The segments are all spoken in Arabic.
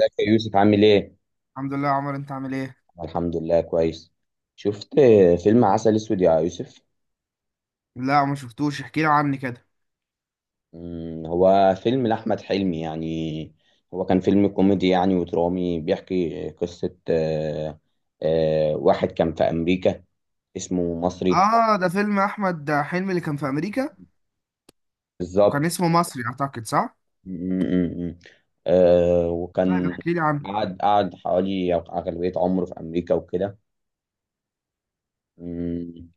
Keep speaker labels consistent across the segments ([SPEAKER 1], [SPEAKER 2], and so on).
[SPEAKER 1] ازيك يا يوسف؟ عامل ايه؟
[SPEAKER 2] الحمد لله يا عمر، انت عامل ايه؟
[SPEAKER 1] أنا الحمد لله كويس. شفت فيلم عسل اسود يا يوسف؟
[SPEAKER 2] لا، ما شفتوش. احكي لي عني كده.
[SPEAKER 1] هو فيلم لأحمد حلمي يعني. هو كان فيلم كوميدي يعني ودرامي بيحكي قصة واحد كان في أمريكا اسمه مصري.
[SPEAKER 2] اه، ده فيلم احمد حلمي اللي كان في امريكا وكان
[SPEAKER 1] بالظبط.
[SPEAKER 2] اسمه مصري اعتقد، صح؟
[SPEAKER 1] مم، مم، مم.
[SPEAKER 2] طيب،
[SPEAKER 1] وكان
[SPEAKER 2] احكي لي عنه.
[SPEAKER 1] قعد حوالي أغلبية عمره في أمريكا وكده. مم.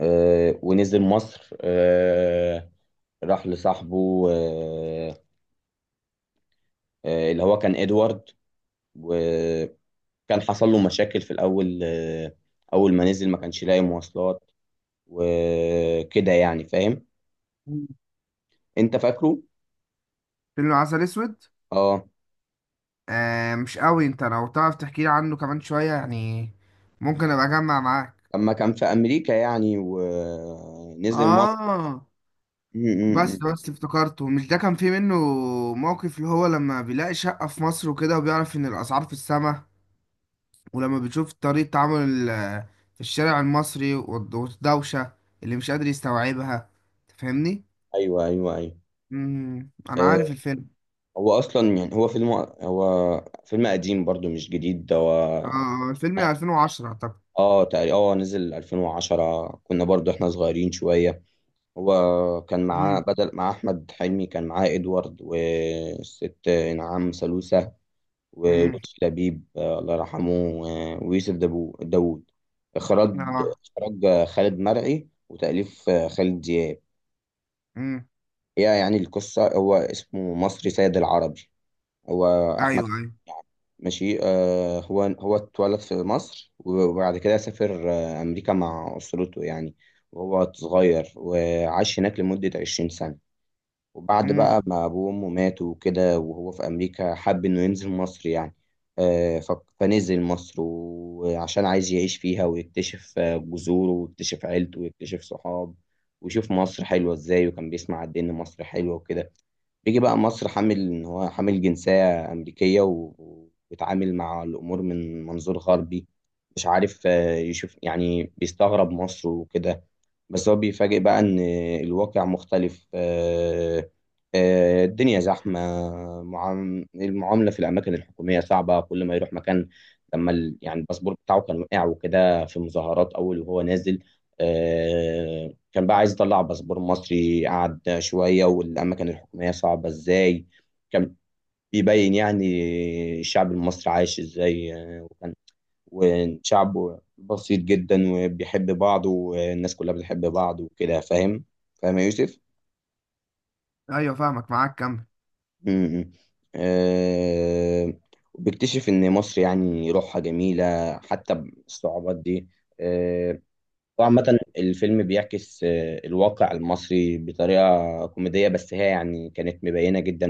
[SPEAKER 1] ونزل مصر راح لصاحبه اللي هو كان ادوارد. وكان حصل له مشاكل في الاول اول ما نزل ما كانش لاقي مواصلات وكده يعني فاهم.
[SPEAKER 2] مم.
[SPEAKER 1] انت فاكره؟
[SPEAKER 2] فيلم عسل اسود.
[SPEAKER 1] اه.
[SPEAKER 2] آه، مش قوي. انت لو تعرف تحكي لي عنه كمان شوية يعني ممكن ابقى اجمع معاك.
[SPEAKER 1] لما كان في امريكا يعني ونزل مصر.
[SPEAKER 2] اه،
[SPEAKER 1] م- م-
[SPEAKER 2] بس
[SPEAKER 1] م.
[SPEAKER 2] بس افتكرته، مش ده كان فيه منه موقف اللي هو لما بيلاقي شقة في مصر وكده وبيعرف ان الاسعار في السما؟ ولما بتشوف طريقة تعامل في الشارع المصري والدوشة اللي مش قادر يستوعبها. تفهمني؟
[SPEAKER 1] ايوه ايوه ايوه.
[SPEAKER 2] مم. أنا
[SPEAKER 1] آه،
[SPEAKER 2] عارف الفيلم.
[SPEAKER 1] هو اصلا يعني هو فيلم. هو فيلم قديم برضو مش جديد ده هو.
[SPEAKER 2] آه الفيلم 2010 أعتقد.
[SPEAKER 1] اه تقريبا نزل 2010، كنا برضو احنا صغيرين شوية. هو كان معاه
[SPEAKER 2] مم.
[SPEAKER 1] بدل مع أحمد حلمي، كان معاه إدوارد والست نعام سلوسة
[SPEAKER 2] مم.
[SPEAKER 1] ولطفي لبيب الله يرحمه. ويوسف داوود. إخراج
[SPEAKER 2] آه.
[SPEAKER 1] إخراج خالد مرعي وتأليف خالد دياب.
[SPEAKER 2] مم.
[SPEAKER 1] هي يعني القصة هو اسمه مصري سيد العربي. هو
[SPEAKER 2] أيوه
[SPEAKER 1] أحمد
[SPEAKER 2] أيوه.
[SPEAKER 1] يعني ماشي هو اتولد في مصر وبعد كده سافر أمريكا مع أسرته يعني وهو صغير وعاش هناك لمدة 20 سنة. وبعد
[SPEAKER 2] مم.
[SPEAKER 1] بقى ما أبوه وأمه ماتوا وكده وهو في أمريكا حب إنه ينزل مصر يعني. آه، ف- فنزل مصر وعشان عايز يعيش فيها ويكتشف جذوره ويكتشف عيلته ويكتشف صحاب ويشوف مصر حلوة إزاي. وكان بيسمع قد إيه إن مصر حلوة وكده. بيجي بقى مصر حامل ان هو حامل جنسية أمريكية وبيتعامل مع الأمور من منظور غربي. مش عارف يشوف يعني بيستغرب مصر وكده. بس هو بيفاجئ بقى إن الواقع مختلف الدنيا زحمة. المعاملة في الأماكن الحكومية صعبة كل ما يروح مكان. لما يعني الباسبور بتاعه كان وقع وكده في مظاهرات أول وهو نازل آه، كان بقى عايز يطلع باسبور مصري. قعد شوية والأماكن الحكومية صعبة إزاي. كان بيبين يعني الشعب المصري عايش إزاي وكان وشعب بسيط جدا وبيحب بعض والناس كلها بتحب بعض وكده فاهم. فاهم يا يوسف؟
[SPEAKER 2] أيوه، فاهمك، معاك كمل.
[SPEAKER 1] امم. أه. وبيكتشف إن مصر يعني روحها جميلة حتى بالصعوبات دي. آه،
[SPEAKER 2] مم.
[SPEAKER 1] وعامة الفيلم بيعكس الواقع المصري بطريقة كوميدية بس هي يعني كانت مبينة جدا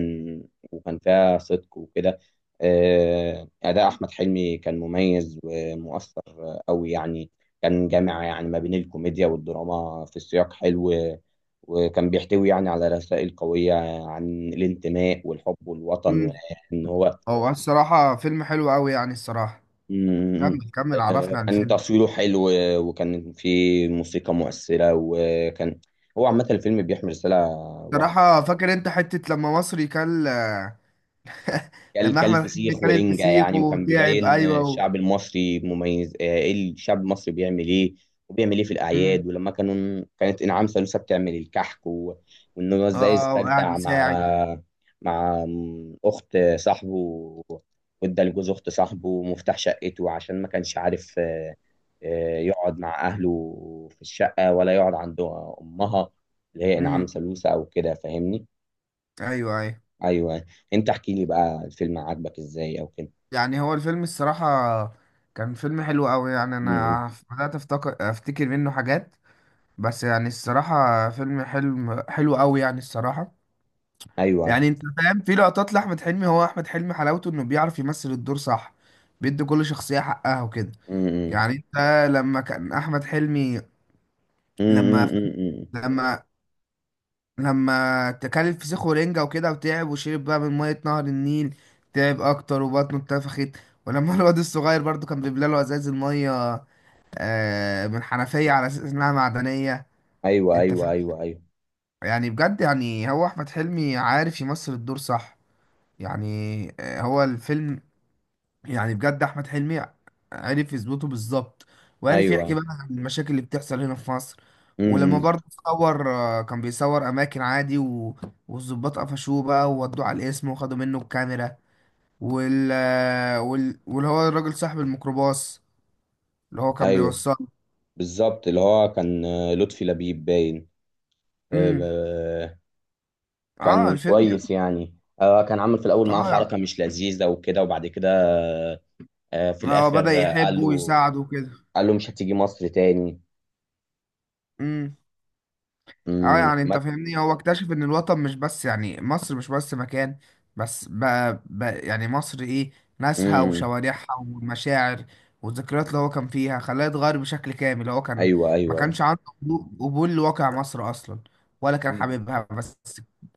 [SPEAKER 1] وكان فيها صدق وكده. أداء أحمد حلمي كان مميز ومؤثر أوي يعني. كان جامع يعني ما بين الكوميديا والدراما في سياق حلو وكان بيحتوي يعني على رسائل قوية عن الانتماء والحب والوطن
[SPEAKER 2] مم.
[SPEAKER 1] وإن هو.
[SPEAKER 2] هو الصراحة فيلم حلو أوي يعني، الصراحة.
[SPEAKER 1] مم.
[SPEAKER 2] كمل كمل، عرفنا عن
[SPEAKER 1] كان
[SPEAKER 2] الفيلم.
[SPEAKER 1] تصويره حلو وكان في موسيقى مؤثرة. وكان هو عامة الفيلم بيحمل رسالة واضحة.
[SPEAKER 2] صراحة فاكر أنت حتة لما مصري كل.
[SPEAKER 1] كل
[SPEAKER 2] لما
[SPEAKER 1] كل
[SPEAKER 2] أحمد حلمي
[SPEAKER 1] فسيخ
[SPEAKER 2] كل
[SPEAKER 1] ورنجة
[SPEAKER 2] الفسيخ
[SPEAKER 1] يعني. وكان
[SPEAKER 2] وتعب،
[SPEAKER 1] بيبين
[SPEAKER 2] أيوه و.
[SPEAKER 1] الشعب المصري مميز ايه الشعب المصري بيعمل ايه وبيعمل ايه في
[SPEAKER 2] مم.
[SPEAKER 1] الأعياد ولما كانوا كانت إنعام سالوسة بتعمل الكحك. و... وإن هو إزاي
[SPEAKER 2] اه، وقاعد
[SPEAKER 1] استجدع مع
[SPEAKER 2] يساعد.
[SPEAKER 1] مع أخت صاحبه. وادى لجوز أخت صاحبه مفتاح شقته عشان ما كانش عارف يقعد مع أهله في الشقة ولا يقعد عند أمها اللي هي
[SPEAKER 2] امم.
[SPEAKER 1] إنعام سالوسة أو كده. فاهمني؟
[SPEAKER 2] ايوه ايوه.
[SPEAKER 1] أيوه. أنت احكي لي بقى الفيلم عاجبك إزاي أو كده.
[SPEAKER 2] يعني هو الفيلم الصراحة كان فيلم حلو قوي يعني،
[SPEAKER 1] امم.
[SPEAKER 2] انا بدأت افتكر منه حاجات. بس يعني الصراحة فيلم حلو قوي يعني الصراحة.
[SPEAKER 1] ايوه.
[SPEAKER 2] يعني انت فاهم، في لقطات لأحمد حلمي. هو احمد حلمي حلاوته انه بيعرف يمثل الدور، صح. بيدي كل شخصية حقها وكده.
[SPEAKER 1] امم.
[SPEAKER 2] يعني انت، لما كان احمد حلمي، لما
[SPEAKER 1] امم.
[SPEAKER 2] لما لما تكل الفسيخ ورنجة وكده وتعب وشرب بقى من مية نهر النيل، تعب أكتر وبطنه اتنفخت. ولما الواد الصغير برضو كان بيملى له ازاز المية من حنفية على أساس إنها معدنية.
[SPEAKER 1] ايوه
[SPEAKER 2] أنت
[SPEAKER 1] ايوه
[SPEAKER 2] فاهم؟
[SPEAKER 1] ايوه ايوه
[SPEAKER 2] يعني بجد، يعني هو أحمد حلمي عارف يمثل الدور، صح. يعني هو الفيلم، يعني بجد احمد حلمي عرف يظبطه بالظبط، وعرف يحكي
[SPEAKER 1] ايوه.
[SPEAKER 2] بقى عن المشاكل اللي بتحصل هنا في مصر. ولما
[SPEAKER 1] امم.
[SPEAKER 2] برضه صور كان بيصور اماكن عادي و، والظباط قفشوه بقى وودوه على القسم وخدوا منه الكاميرا واللي هو الراجل صاحب الميكروباص اللي هو كان
[SPEAKER 1] ايوه.
[SPEAKER 2] بيوصله.
[SPEAKER 1] بالظبط اللي هو كان لطفي لبيب باين.
[SPEAKER 2] امم
[SPEAKER 1] آه،
[SPEAKER 2] اه،
[SPEAKER 1] كان
[SPEAKER 2] الفيلم.
[SPEAKER 1] كويس يعني. كان عامل في الاول معاه
[SPEAKER 2] يعني- اه
[SPEAKER 1] حركه
[SPEAKER 2] يعني-
[SPEAKER 1] مش لذيذه وكده. وبعد كده في
[SPEAKER 2] اه، بدأ
[SPEAKER 1] الاخر قال
[SPEAKER 2] يحبه
[SPEAKER 1] له
[SPEAKER 2] ويساعده وكده.
[SPEAKER 1] قال له مش هتيجي مصر تاني.
[SPEAKER 2] امم. اه،
[SPEAKER 1] امم.
[SPEAKER 2] يعني انت فاهمني، هو اكتشف ان الوطن مش بس، يعني مصر مش بس مكان، بس بقى يعني مصر ايه؟ ناسها
[SPEAKER 1] امم
[SPEAKER 2] وشوارعها والمشاعر والذكريات اللي هو كان فيها خلاه يتغير بشكل كامل. هو كان
[SPEAKER 1] ايوه
[SPEAKER 2] ما
[SPEAKER 1] ايوه.
[SPEAKER 2] كانش عنده قبول لواقع مصر اصلا، ولا كان
[SPEAKER 1] امم
[SPEAKER 2] حاببها بس.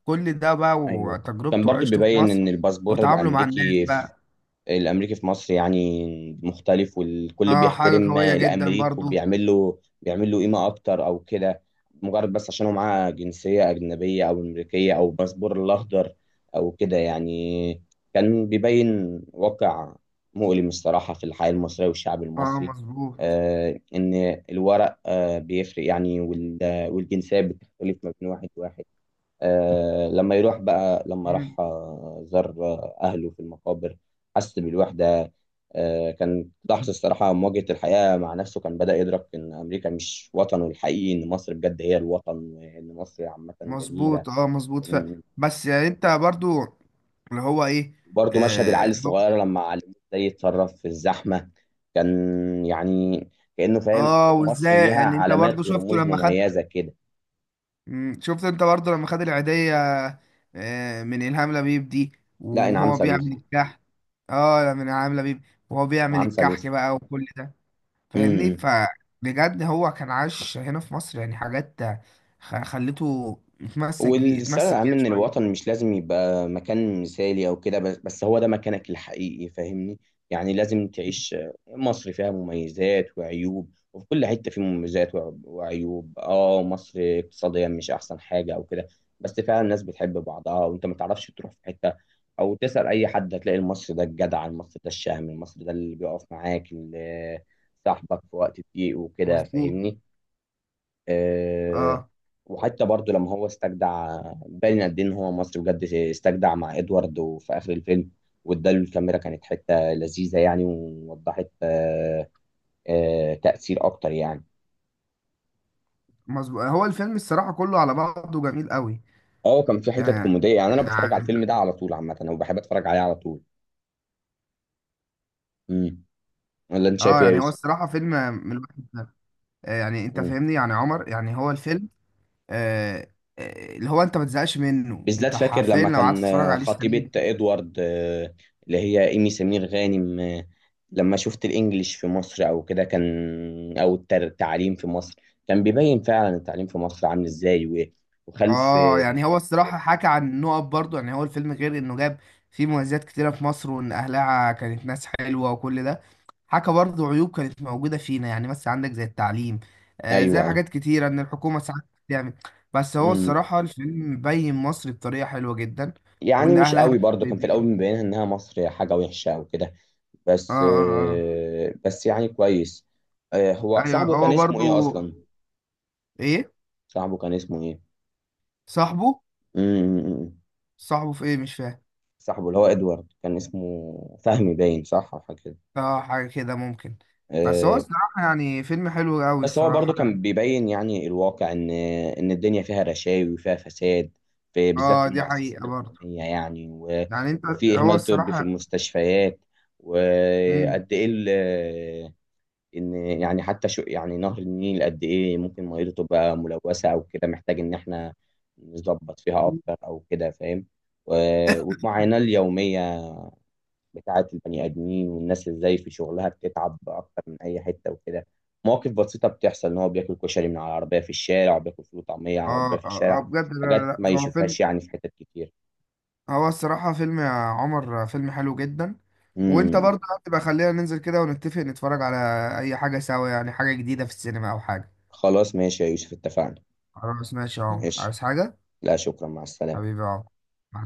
[SPEAKER 2] كل ده بقى
[SPEAKER 1] ايوه. كان
[SPEAKER 2] وتجربته
[SPEAKER 1] برضو
[SPEAKER 2] وعيشته في
[SPEAKER 1] بيبين
[SPEAKER 2] مصر
[SPEAKER 1] ان الباسبور
[SPEAKER 2] وتعامله مع الناس
[SPEAKER 1] الامريكي
[SPEAKER 2] بقى.
[SPEAKER 1] الامريكي في مصر يعني مختلف. والكل
[SPEAKER 2] اه، حاجة
[SPEAKER 1] بيحترم
[SPEAKER 2] قوية جدا
[SPEAKER 1] الامريكي
[SPEAKER 2] برضو.
[SPEAKER 1] وبيعمل له بيعمل له قيمه اكتر او كده. مجرد بس عشان هو معاه جنسيه اجنبيه او امريكيه او الباسبور الاخضر او كده يعني. كان بيبين واقع مؤلم الصراحه في الحياه المصريه والشعب
[SPEAKER 2] اه،
[SPEAKER 1] المصري.
[SPEAKER 2] مظبوط.
[SPEAKER 1] ان الورق بيفرق يعني والجنسيه بتختلف ما بين واحد واحد. لما يروح بقى لما
[SPEAKER 2] مم،
[SPEAKER 1] راح زار أهله في المقابر حس بالوحدة. كان لحظة الصراحة مواجهة الحياة مع نفسه. كان بدأ يدرك إن أمريكا مش وطنه الحقيقي. إن مصر بجد هي الوطن وإن مصر عامة جميلة.
[SPEAKER 2] مظبوط مظبوط
[SPEAKER 1] مم.
[SPEAKER 2] بس يعني انت برضو، اللي هو ايه؟
[SPEAKER 1] برضه مشهد العيل
[SPEAKER 2] اه.
[SPEAKER 1] الصغير لما علموه إزاي يتصرف في الزحمة. كان يعني كأنه فاهم مصر
[SPEAKER 2] وازاي،
[SPEAKER 1] ليها
[SPEAKER 2] يعني انت برضو
[SPEAKER 1] علامات
[SPEAKER 2] شفته
[SPEAKER 1] ورموز
[SPEAKER 2] لما خد،
[SPEAKER 1] مميزة كده.
[SPEAKER 2] مم، شفت انت برضو لما خد العيدية من إلهام لبيب دي
[SPEAKER 1] لا إنعام
[SPEAKER 2] وهو بيعمل
[SPEAKER 1] سالوسة.
[SPEAKER 2] الكحك؟ اه، من إلهام لبيب وهو بيعمل
[SPEAKER 1] إنعام
[SPEAKER 2] الكحك
[SPEAKER 1] سالوسة.
[SPEAKER 2] بقى وكل ده. فاهمني؟
[SPEAKER 1] مم.
[SPEAKER 2] فبجد هو كان عاش هنا في مصر يعني حاجات خلته اتمسك بيه
[SPEAKER 1] والثانوي
[SPEAKER 2] اتمسك
[SPEAKER 1] العام
[SPEAKER 2] بيها
[SPEAKER 1] ان الوطن
[SPEAKER 2] شوية.
[SPEAKER 1] مش لازم يبقى مكان مثالي او كده. بس هو ده مكانك الحقيقي فاهمني. يعني لازم تعيش. مصر فيها مميزات وعيوب وفي كل حتة فيه مميزات وعيوب. اه مصر اقتصاديا مش احسن حاجة او كده. بس فعلا الناس بتحب بعضها. وانت ما تعرفش تروح في حتة او تسأل اي حد هتلاقي المصري ده الجدع المصري ده الشهم المصري ده اللي بيقف معاك اللي صاحبك في وقت الضيق وكده
[SPEAKER 2] مظبوط،
[SPEAKER 1] فاهمني. آه،
[SPEAKER 2] اه
[SPEAKER 1] وحتى برضو لما هو استجدع باين قد ايه ان هو مصري بجد. استجدع مع ادوارد وفي اخر الفيلم واداله الكاميرا كانت حته لذيذه يعني. ووضحت تاثير اكتر يعني.
[SPEAKER 2] مظبوط. هو الفيلم الصراحة كله على بعضه جميل قوي.
[SPEAKER 1] اه كان في
[SPEAKER 2] آه،
[SPEAKER 1] حتت كوميديه يعني. انا بتفرج على
[SPEAKER 2] يعني،
[SPEAKER 1] الفيلم ده على طول عامه وبحب اتفرج عليه على طول. امم. ولا انت
[SPEAKER 2] اه
[SPEAKER 1] شايف ايه يا
[SPEAKER 2] يعني هو
[SPEAKER 1] يوسف؟
[SPEAKER 2] الصراحة فيلم من الواحد ده. يعني انت فاهمني يعني عمر، يعني هو الفيلم، آه، اللي هو انت ما تزهقش منه،
[SPEAKER 1] بالذات
[SPEAKER 2] انت
[SPEAKER 1] فاكر
[SPEAKER 2] حرفيا
[SPEAKER 1] لما
[SPEAKER 2] لو قعدت
[SPEAKER 1] كان
[SPEAKER 2] تتفرج عليه السنة
[SPEAKER 1] خطيبة
[SPEAKER 2] دي.
[SPEAKER 1] ادوارد اللي هي ايمي سمير غانم لما شفت الانجليش في مصر او كده كان. او التعليم في مصر كان بيبين فعلا التعليم في مصر عامل ازاي وخلف
[SPEAKER 2] اه، يعني هو الصراحة حكى عن نقط برضه. يعني هو الفيلم غير انه جاب فيه مميزات كتيرة في مصر وان اهلها كانت ناس حلوة وكل ده، حكى برضه عيوب كانت موجودة فينا، يعني مثلا عندك زي التعليم، زي
[SPEAKER 1] ايوه ايوه.
[SPEAKER 2] حاجات كتيرة ان الحكومة ساعات بتعمل. بس هو
[SPEAKER 1] أمم.
[SPEAKER 2] الصراحة الفيلم بين مصر بطريقة حلوة جدا
[SPEAKER 1] يعني
[SPEAKER 2] وان
[SPEAKER 1] مش
[SPEAKER 2] اهلها
[SPEAKER 1] قوي برضه كان في الاول
[SPEAKER 2] طيبين.
[SPEAKER 1] مبينها انها مصر حاجة وحشة او كده.
[SPEAKER 2] اه
[SPEAKER 1] بس
[SPEAKER 2] اه.
[SPEAKER 1] آه، بس يعني كويس. هو
[SPEAKER 2] اه ايوه،
[SPEAKER 1] صاحبه كان
[SPEAKER 2] هو
[SPEAKER 1] اسمه
[SPEAKER 2] برضو
[SPEAKER 1] ايه اصلا؟
[SPEAKER 2] ايه؟
[SPEAKER 1] صاحبه كان اسمه ايه؟
[SPEAKER 2] صاحبه،
[SPEAKER 1] أمم.
[SPEAKER 2] صاحبه في ايه؟ مش فاهم.
[SPEAKER 1] صاحبه اللي هو ادوارد كان اسمه فهمي باين صح او حاجه كده.
[SPEAKER 2] اه، حاجه كده ممكن. بس هو
[SPEAKER 1] آه،
[SPEAKER 2] الصراحه يعني فيلم حلو قوي
[SPEAKER 1] بس هو برضو
[SPEAKER 2] الصراحه
[SPEAKER 1] كان
[SPEAKER 2] يعني.
[SPEAKER 1] بيبين يعني الواقع ان الدنيا فيها رشاوي وفيها فساد في بالذات في
[SPEAKER 2] اه، دي
[SPEAKER 1] المؤسسات
[SPEAKER 2] حقيقه برضو.
[SPEAKER 1] الحكوميه يعني
[SPEAKER 2] يعني انت،
[SPEAKER 1] وفي
[SPEAKER 2] هو
[SPEAKER 1] اهمال طبي في
[SPEAKER 2] الصراحه،
[SPEAKER 1] المستشفيات.
[SPEAKER 2] مم.
[SPEAKER 1] وقد ايه ان يعني حتى شو يعني نهر النيل قد ايه ممكن ميته تبقى ملوثه او كده محتاج ان احنا نظبط فيها اكتر او كده فاهم. و- والمعاناه اليوميه بتاعة البني آدمين والناس ازاي في شغلها بتتعب أكتر من أي حتة وكده. مواقف بسيطة بتحصل إن هو بياكل كشري من على العربية في الشارع وبياكل فول وطعمية على
[SPEAKER 2] اه
[SPEAKER 1] العربية في
[SPEAKER 2] اه،
[SPEAKER 1] الشارع.
[SPEAKER 2] بجد، لا
[SPEAKER 1] حاجات
[SPEAKER 2] لا
[SPEAKER 1] ما
[SPEAKER 2] لا، هو فيلم،
[SPEAKER 1] يشوفهاش يعني في حتت كتير.
[SPEAKER 2] هو الصراحه فيلم يا عمر، فيلم حلو جدا. وانت
[SPEAKER 1] امم.
[SPEAKER 2] برضه هتبقى، خلينا ننزل كده ونتفق نتفرج على اي حاجه سوا، يعني حاجه جديده في السينما او حاجه.
[SPEAKER 1] خلاص ماشي يا يوسف اتفقنا.
[SPEAKER 2] خلاص، ماشي يا عمر،
[SPEAKER 1] ماشي.
[SPEAKER 2] عايز حاجه؟
[SPEAKER 1] لا شكرا، مع السلامة.
[SPEAKER 2] حبيبي يا عمر، مع